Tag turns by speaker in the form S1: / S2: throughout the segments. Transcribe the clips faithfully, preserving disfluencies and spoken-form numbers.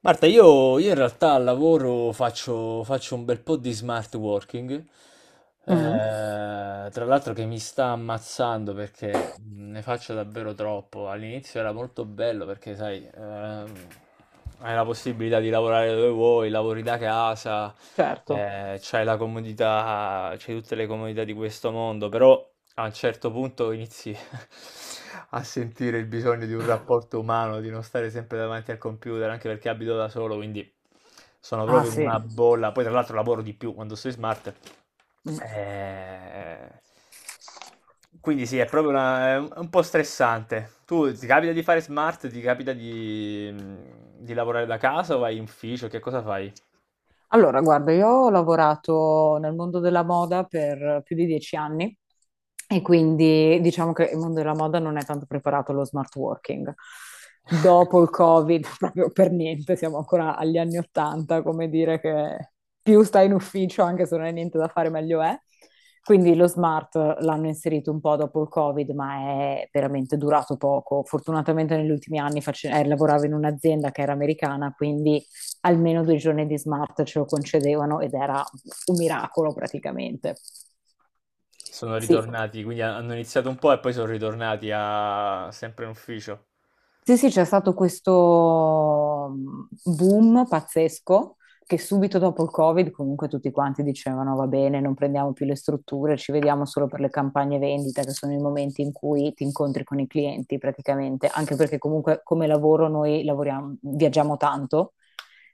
S1: Marta, io, io in realtà al lavoro faccio, faccio un bel po' di smart working,
S2: Mh.
S1: eh, tra l'altro che mi sta ammazzando perché ne faccio davvero troppo. All'inizio era molto bello perché, sai, ehm, hai la possibilità di lavorare dove vuoi, lavori da casa,
S2: Certo.
S1: eh, c'hai la comodità, c'hai tutte le comodità di questo mondo, però a un certo punto inizi a sentire il bisogno di un rapporto umano, di non stare sempre davanti al computer, anche perché abito da solo, quindi sono
S2: Ah
S1: proprio in
S2: sì.
S1: una bolla. Poi, tra l'altro, lavoro di più quando sei smart.
S2: Mh.
S1: Eh, Quindi sì, è proprio una- è un è un po' stressante. Tu ti capita di fare smart, ti capita di, di lavorare da casa o vai in ufficio? Che cosa fai?
S2: Allora guarda, io ho lavorato nel mondo della moda per più di dieci anni. E quindi diciamo che il mondo della moda non è tanto preparato allo smart working. Dopo il Covid, proprio per niente, siamo ancora agli anni Ottanta, come dire che più stai in ufficio, anche se non hai niente da fare, meglio è. Quindi lo smart l'hanno inserito un po' dopo il Covid, ma è veramente durato poco. Fortunatamente negli ultimi anni face- eh, lavoravo in un'azienda che era americana, quindi almeno due giorni di smart ce lo concedevano ed era un miracolo praticamente.
S1: Sono
S2: Sì.
S1: ritornati, quindi hanno iniziato un po' e poi sono ritornati a, sempre in ufficio.
S2: Sì, sì, c'è stato questo mhmm, boom pazzesco che subito dopo il Covid comunque tutti quanti dicevano va bene, non prendiamo più le strutture, ci vediamo solo per le campagne vendita, che sono i momenti in cui ti incontri con i clienti praticamente, anche perché comunque come lavoro noi lavoriamo, viaggiamo tanto,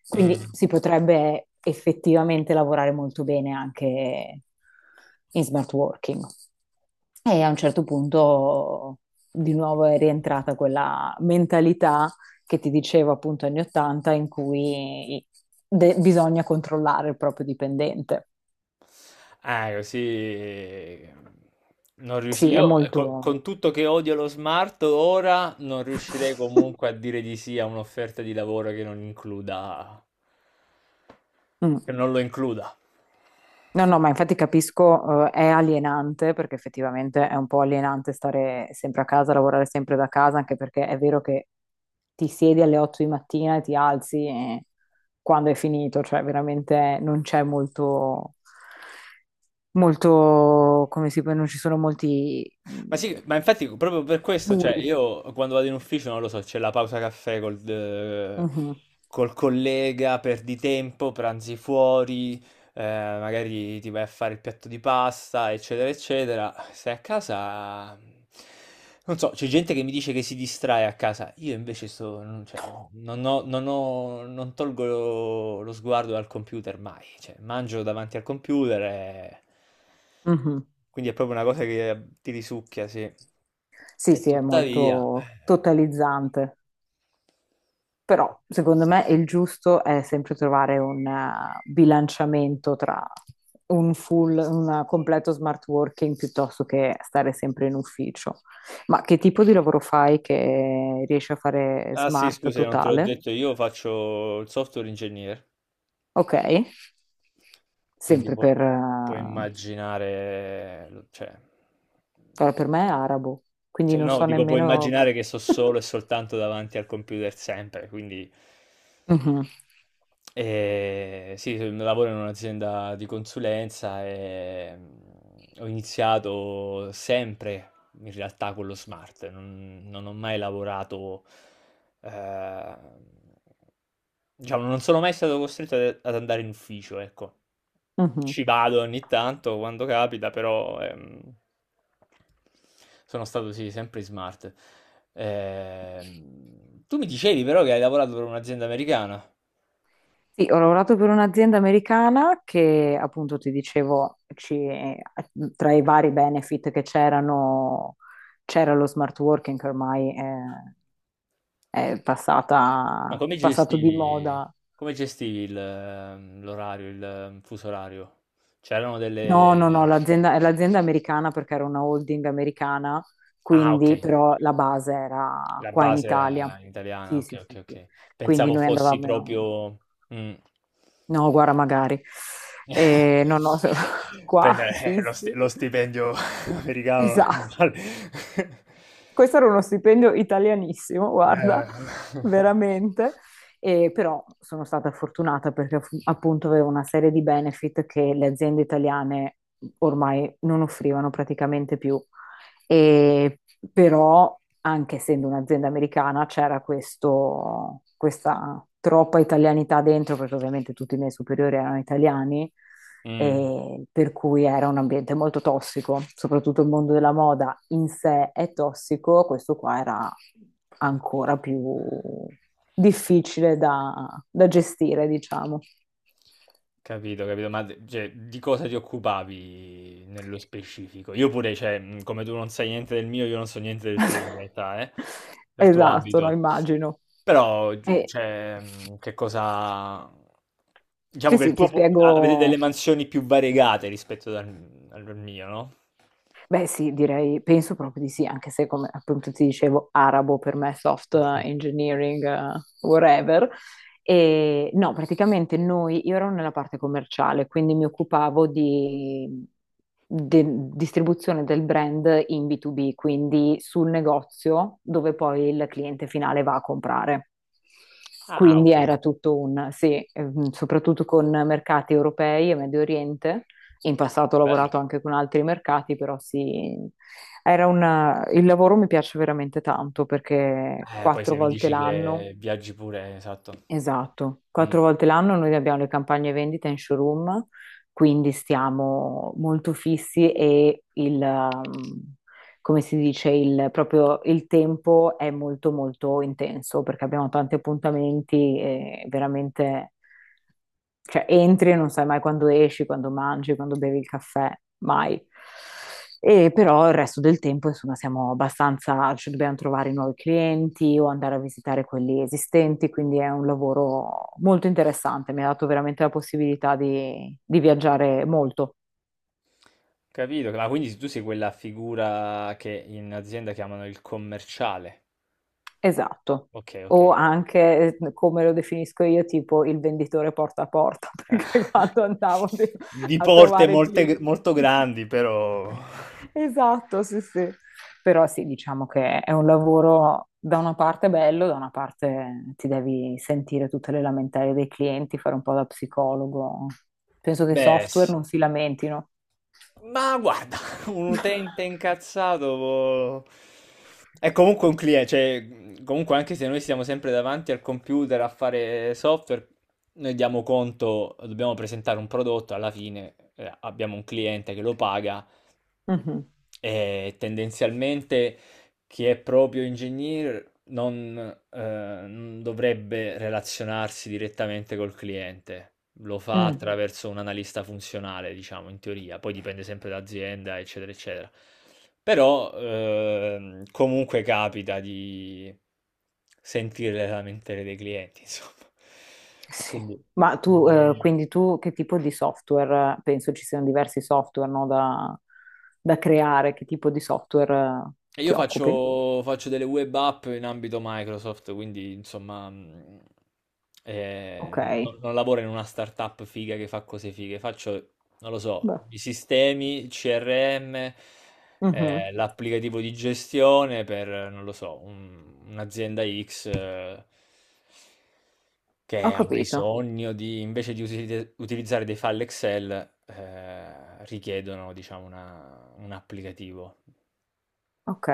S2: quindi
S1: Mm.
S2: si potrebbe effettivamente lavorare molto bene anche in smart working. E a un certo punto di nuovo è rientrata quella mentalità che ti dicevo appunto anni ottanta in cui de- bisogna controllare il proprio dipendente.
S1: Eh, così non riusci-
S2: Sì, è
S1: io eh, co-
S2: molto...
S1: con tutto che odio lo smart ora non riuscirei comunque a dire di sì a un'offerta di lavoro che non includa
S2: Mm.
S1: che non lo includa.
S2: No, no, ma infatti capisco, eh, è alienante perché effettivamente è un po' alienante stare sempre a casa, lavorare sempre da casa, anche perché è vero che ti siedi alle otto di mattina e ti alzi e quando è finito, cioè veramente non c'è molto, molto, come si può, non ci sono molti
S1: Ma sì, ma
S2: mh,
S1: infatti proprio per questo, cioè
S2: muri.
S1: io quando vado in ufficio non lo so, c'è la pausa caffè col, eh,
S2: Mhm,
S1: col collega, perdi tempo, pranzi fuori. eh, Magari ti vai a fare il piatto di pasta, eccetera, eccetera. Stai a casa, non so, c'è gente che mi dice che si distrae a casa, io invece sto, non, cioè, non ho, non ho- non tolgo lo, lo sguardo dal computer mai, cioè, mangio davanti al computer e.
S2: mhm.
S1: Quindi è proprio una cosa che eh, ti risucchia, sì.
S2: Sì,
S1: E
S2: sì, è
S1: tuttavia.
S2: molto totalizzante, però secondo me il giusto è sempre trovare un eh, bilanciamento tra un full, un completo smart working piuttosto che stare sempre in ufficio. Ma che tipo di lavoro fai che riesci a fare
S1: Ah sì,
S2: smart
S1: scusa, non te l'ho
S2: totale?
S1: detto, io faccio il software engineer.
S2: Ok,
S1: Quindi
S2: sempre
S1: pu-
S2: per,
S1: puoi
S2: eh,
S1: immaginare, l- cioè,
S2: però per me è arabo, quindi
S1: cioè,
S2: non
S1: no,
S2: so
S1: dico, puoi
S2: nemmeno...
S1: immaginare che sto solo e soltanto davanti al computer sempre, quindi
S2: Mhm,
S1: eh, sì, so- lavoro in un'azienda di consulenza e mm, ho iniziato sempre in realtà con lo smart, non, non ho mai lavorato, eh, diciamo, non sono mai stato costretto ad ad andare in ufficio, ecco.
S2: mhm.
S1: Ci vado ogni tanto quando capita, però ehm, sono stato sì, sempre smart. Ehm, tu mi dicevi però che hai lavorato per un'azienda americana,
S2: Sì, ho lavorato per un'azienda americana che appunto ti dicevo, ci- tra i vari benefit che c'erano, c'era lo smart working che ormai è, è
S1: ma
S2: passata,
S1: come
S2: passato di
S1: gestivi,
S2: moda.
S1: come gestivi il, ehm, l'orario, il ehm, fuso orario? C'erano
S2: No, no, no,
S1: delle.
S2: l'azienda è l'azienda americana perché era una holding americana,
S1: Ah, ok,
S2: quindi però la base era
S1: la
S2: qua in
S1: base era
S2: Italia.
S1: italiana,
S2: Sì,
S1: ok,
S2: sì,
S1: ok,
S2: sì, sì.
S1: ok.
S2: Quindi
S1: Pensavo
S2: noi
S1: fossi
S2: andavamo,
S1: proprio. Mm.
S2: no, guarda, magari. Eh, no, no, qua
S1: Prendere, eh, lo
S2: fissi.
S1: sti- lo stipendio americano
S2: Esatto.
S1: vale.
S2: Questo era uno stipendio italianissimo, guarda,
S1: Eh.
S2: veramente. E però sono stata fortunata perché fu- appunto avevo una serie di benefit che le aziende italiane ormai non offrivano praticamente più. E, però, anche essendo un'azienda americana, c'era questo, questa troppa italianità dentro, perché ovviamente tutti i miei superiori erano italiani,
S1: Mm.
S2: e per cui era un ambiente molto tossico, soprattutto il mondo della moda in sé è tossico, questo qua era ancora più difficile da, da gestire, diciamo.
S1: Capito, capito, ma d- cioè, di cosa ti occupavi nello specifico? Io pure, cioè, mh, come tu non sai niente del mio, io non so niente del tuo in realtà, eh? Del tuo
S2: Esatto, no,
S1: abito.
S2: immagino.
S1: Però, giu
S2: E,
S1: cioè, mhmm, che cosa diciamo
S2: Sì,
S1: che il
S2: sì, ti
S1: tuo po a avete
S2: spiego.
S1: delle mansioni più variegate rispetto al al mio, no?
S2: Beh, sì, direi, penso proprio di sì, anche se come appunto ti dicevo, arabo per me, soft
S1: Mh-mh.
S2: engineering, eh, whatever. E no, praticamente noi, io ero nella parte commerciale, quindi mi occupavo di, de- distribuzione del brand in B due B, quindi sul negozio dove poi il cliente finale va a comprare.
S1: Ah,
S2: Quindi
S1: okay,
S2: era tutto un, sì, ehm, soprattutto con mercati europei e Medio Oriente. In passato ho
S1: bello.
S2: lavorato anche con altri mercati, però sì, era una- il lavoro mi piace veramente tanto perché
S1: Eh, poi
S2: quattro
S1: se mi
S2: volte
S1: dici
S2: l'anno,
S1: che viaggi pure esatto.
S2: esatto,
S1: Mh.
S2: quattro volte l'anno noi abbiamo le campagne vendita in showroom, quindi stiamo molto fissi e il, um, come si dice, il, proprio il tempo è molto molto intenso perché abbiamo tanti appuntamenti e veramente... Cioè, entri e non sai mai quando esci, quando mangi, quando bevi il caffè, mai. E però il resto del tempo, insomma, siamo abbastanza, ci dobbiamo trovare nuovi clienti o andare a visitare quelli esistenti, quindi è un lavoro molto interessante, mi ha dato veramente la possibilità di, di viaggiare molto.
S1: Capito, ma quindi tu sei quella figura che in azienda chiamano il commerciale.
S2: Esatto.
S1: Okay, okay.
S2: O anche, eh, come lo definisco io, tipo il venditore porta a porta,
S1: Eh.
S2: perché quando andavo de-
S1: Di
S2: a
S1: porte
S2: trovare i
S1: molte
S2: clienti.
S1: g molto grandi, però
S2: Esatto, sì, sì. Però sì, diciamo che è un lavoro da una parte bello, da una parte ti devi sentire tutte le lamentele dei clienti, fare un po' da psicologo. Penso che i
S1: Beh,
S2: software
S1: s
S2: non si lamentino.
S1: ma guarda, un utente incazzato può- è comunque un cliente, cioè comunque anche se noi stiamo sempre davanti al computer a fare software, noi diamo conto, dobbiamo presentare un prodotto, alla fine eh, abbiamo un cliente che lo paga
S2: Mhm.
S1: e tendenzialmente chi è proprio ingegnere non ehm, non dovrebbe relazionarsi direttamente col cliente. Lo fa, mh-mh,
S2: Mm.
S1: attraverso un analista funzionale, diciamo, in teoria, poi dipende sempre da azienda, eccetera, eccetera. Però, ehm, comunque capita di sentire le lamentele dei clienti, insomma.
S2: Sì.
S1: Quindi
S2: Ma tu, eh,
S1: quindi
S2: quindi tu che tipo di software? Penso ci siano diversi software, no, da, da creare. Che tipo di software, eh,
S1: E io
S2: ti occupi?
S1: faccio, faccio delle web app in ambito Microsoft, quindi insomma mh,
S2: Ok,
S1: eh, no- non lavoro in una startup figa che fa cose fighe, faccio, non lo so,
S2: beh,
S1: i sistemi, C R M,
S2: mhm,
S1: eh, l'applicativo di gestione per, non lo so, un- un'azienda X eh,
S2: ho
S1: che ha
S2: capito.
S1: bisogno di, invece di usi- utilizzare dei file Excel, eh, richiedono, diciamo, una- un applicativo.
S2: Ok,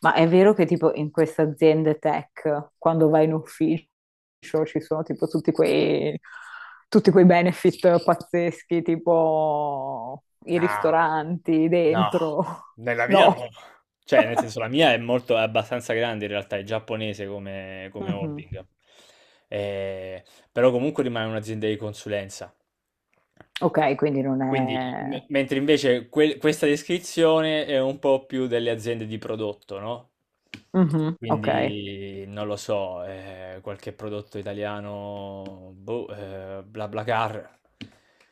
S2: ma è vero che tipo in queste aziende tech, quando vai in ufficio, ci sono tipo tutti quei, tutti quei benefit pazzeschi, tipo i
S1: No,
S2: ristoranti
S1: no,
S2: dentro.
S1: nella mia no.
S2: No.
S1: Cioè, nel senso, la mia è molto, è abbastanza grande in realtà, è giapponese come, come
S2: Mhm.
S1: holding. Eh, però comunque rimane un'azienda di consulenza.
S2: Ok, quindi non
S1: Quindi,
S2: è...
S1: me- mentre invece que- questa descrizione è un po' più delle aziende di prodotto, no?
S2: Mhm, Ok.
S1: Quindi, non lo so, eh, qualche prodotto italiano, boh, eh, BlaBlaCar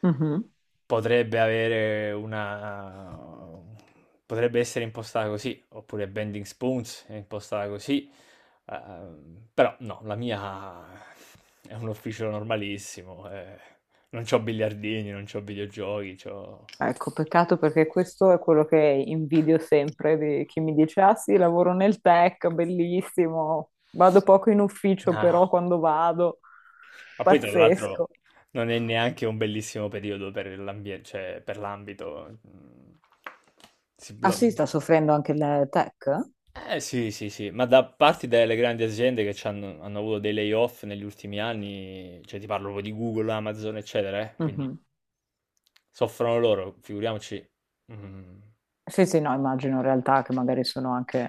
S2: Mhm.
S1: potrebbe avere una... potrebbe essere impostata così, oppure Bending Spoons è impostata così, eh, però no, la mia è un ufficio normalissimo, eh, non c'ho biliardini, non c'ho videogiochi, c'ho.
S2: Ecco, peccato perché questo è quello che invidio sempre di chi mi dice: Ah sì, lavoro nel tech, bellissimo, vado poco in ufficio, però
S1: Ah,
S2: quando vado,
S1: ma poi tra
S2: pazzesco.
S1: l'altro non è neanche un bellissimo periodo per l'ambiente, cioè per l'ambito. mm, Si
S2: Ah
S1: blo-
S2: sì, sta soffrendo anche il tech?
S1: Eh sì, sì, sì, ma da parte delle grandi aziende che c'hanno- hanno, hanno avuto dei layoff negli ultimi anni, cioè ti parlo proprio di Google, Amazon, eccetera. eh, Quindi
S2: Mhm.
S1: soffrono loro, figuriamoci. Mm.
S2: Sì, sì, no, immagino in realtà che magari sono anche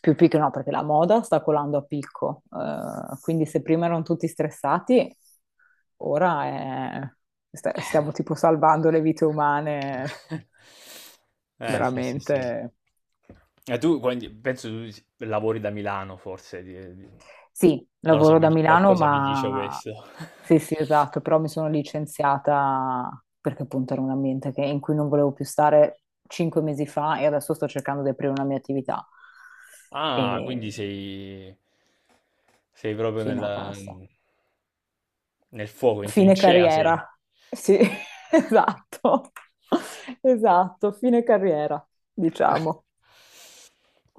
S2: più piccole, no, perché la moda sta colando a picco, eh, quindi se prima erano tutti stressati. Ora è- sta- stiamo tipo salvando le vite umane,
S1: Eh sì, sì, sì.
S2: veramente.
S1: E tu quindi penso tu si- lavori da Milano forse, di- di-
S2: Sì,
S1: non lo so,
S2: lavoro
S1: mi
S2: da
S1: di-
S2: Milano,
S1: qualcosa mi dice
S2: ma
S1: questo.
S2: sì, sì, esatto, però mi sono licenziata perché appunto era un ambiente che- in cui non volevo più stare cinque mesi fa e adesso sto cercando di aprire una mia attività.
S1: Ah, quindi
S2: E
S1: sei, sei proprio
S2: sì, no,
S1: nella-
S2: basta.
S1: nel fuoco, in
S2: Fine
S1: trincea sei.
S2: carriera. Sì, esatto. Esatto, fine carriera, diciamo.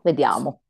S2: Vediamo.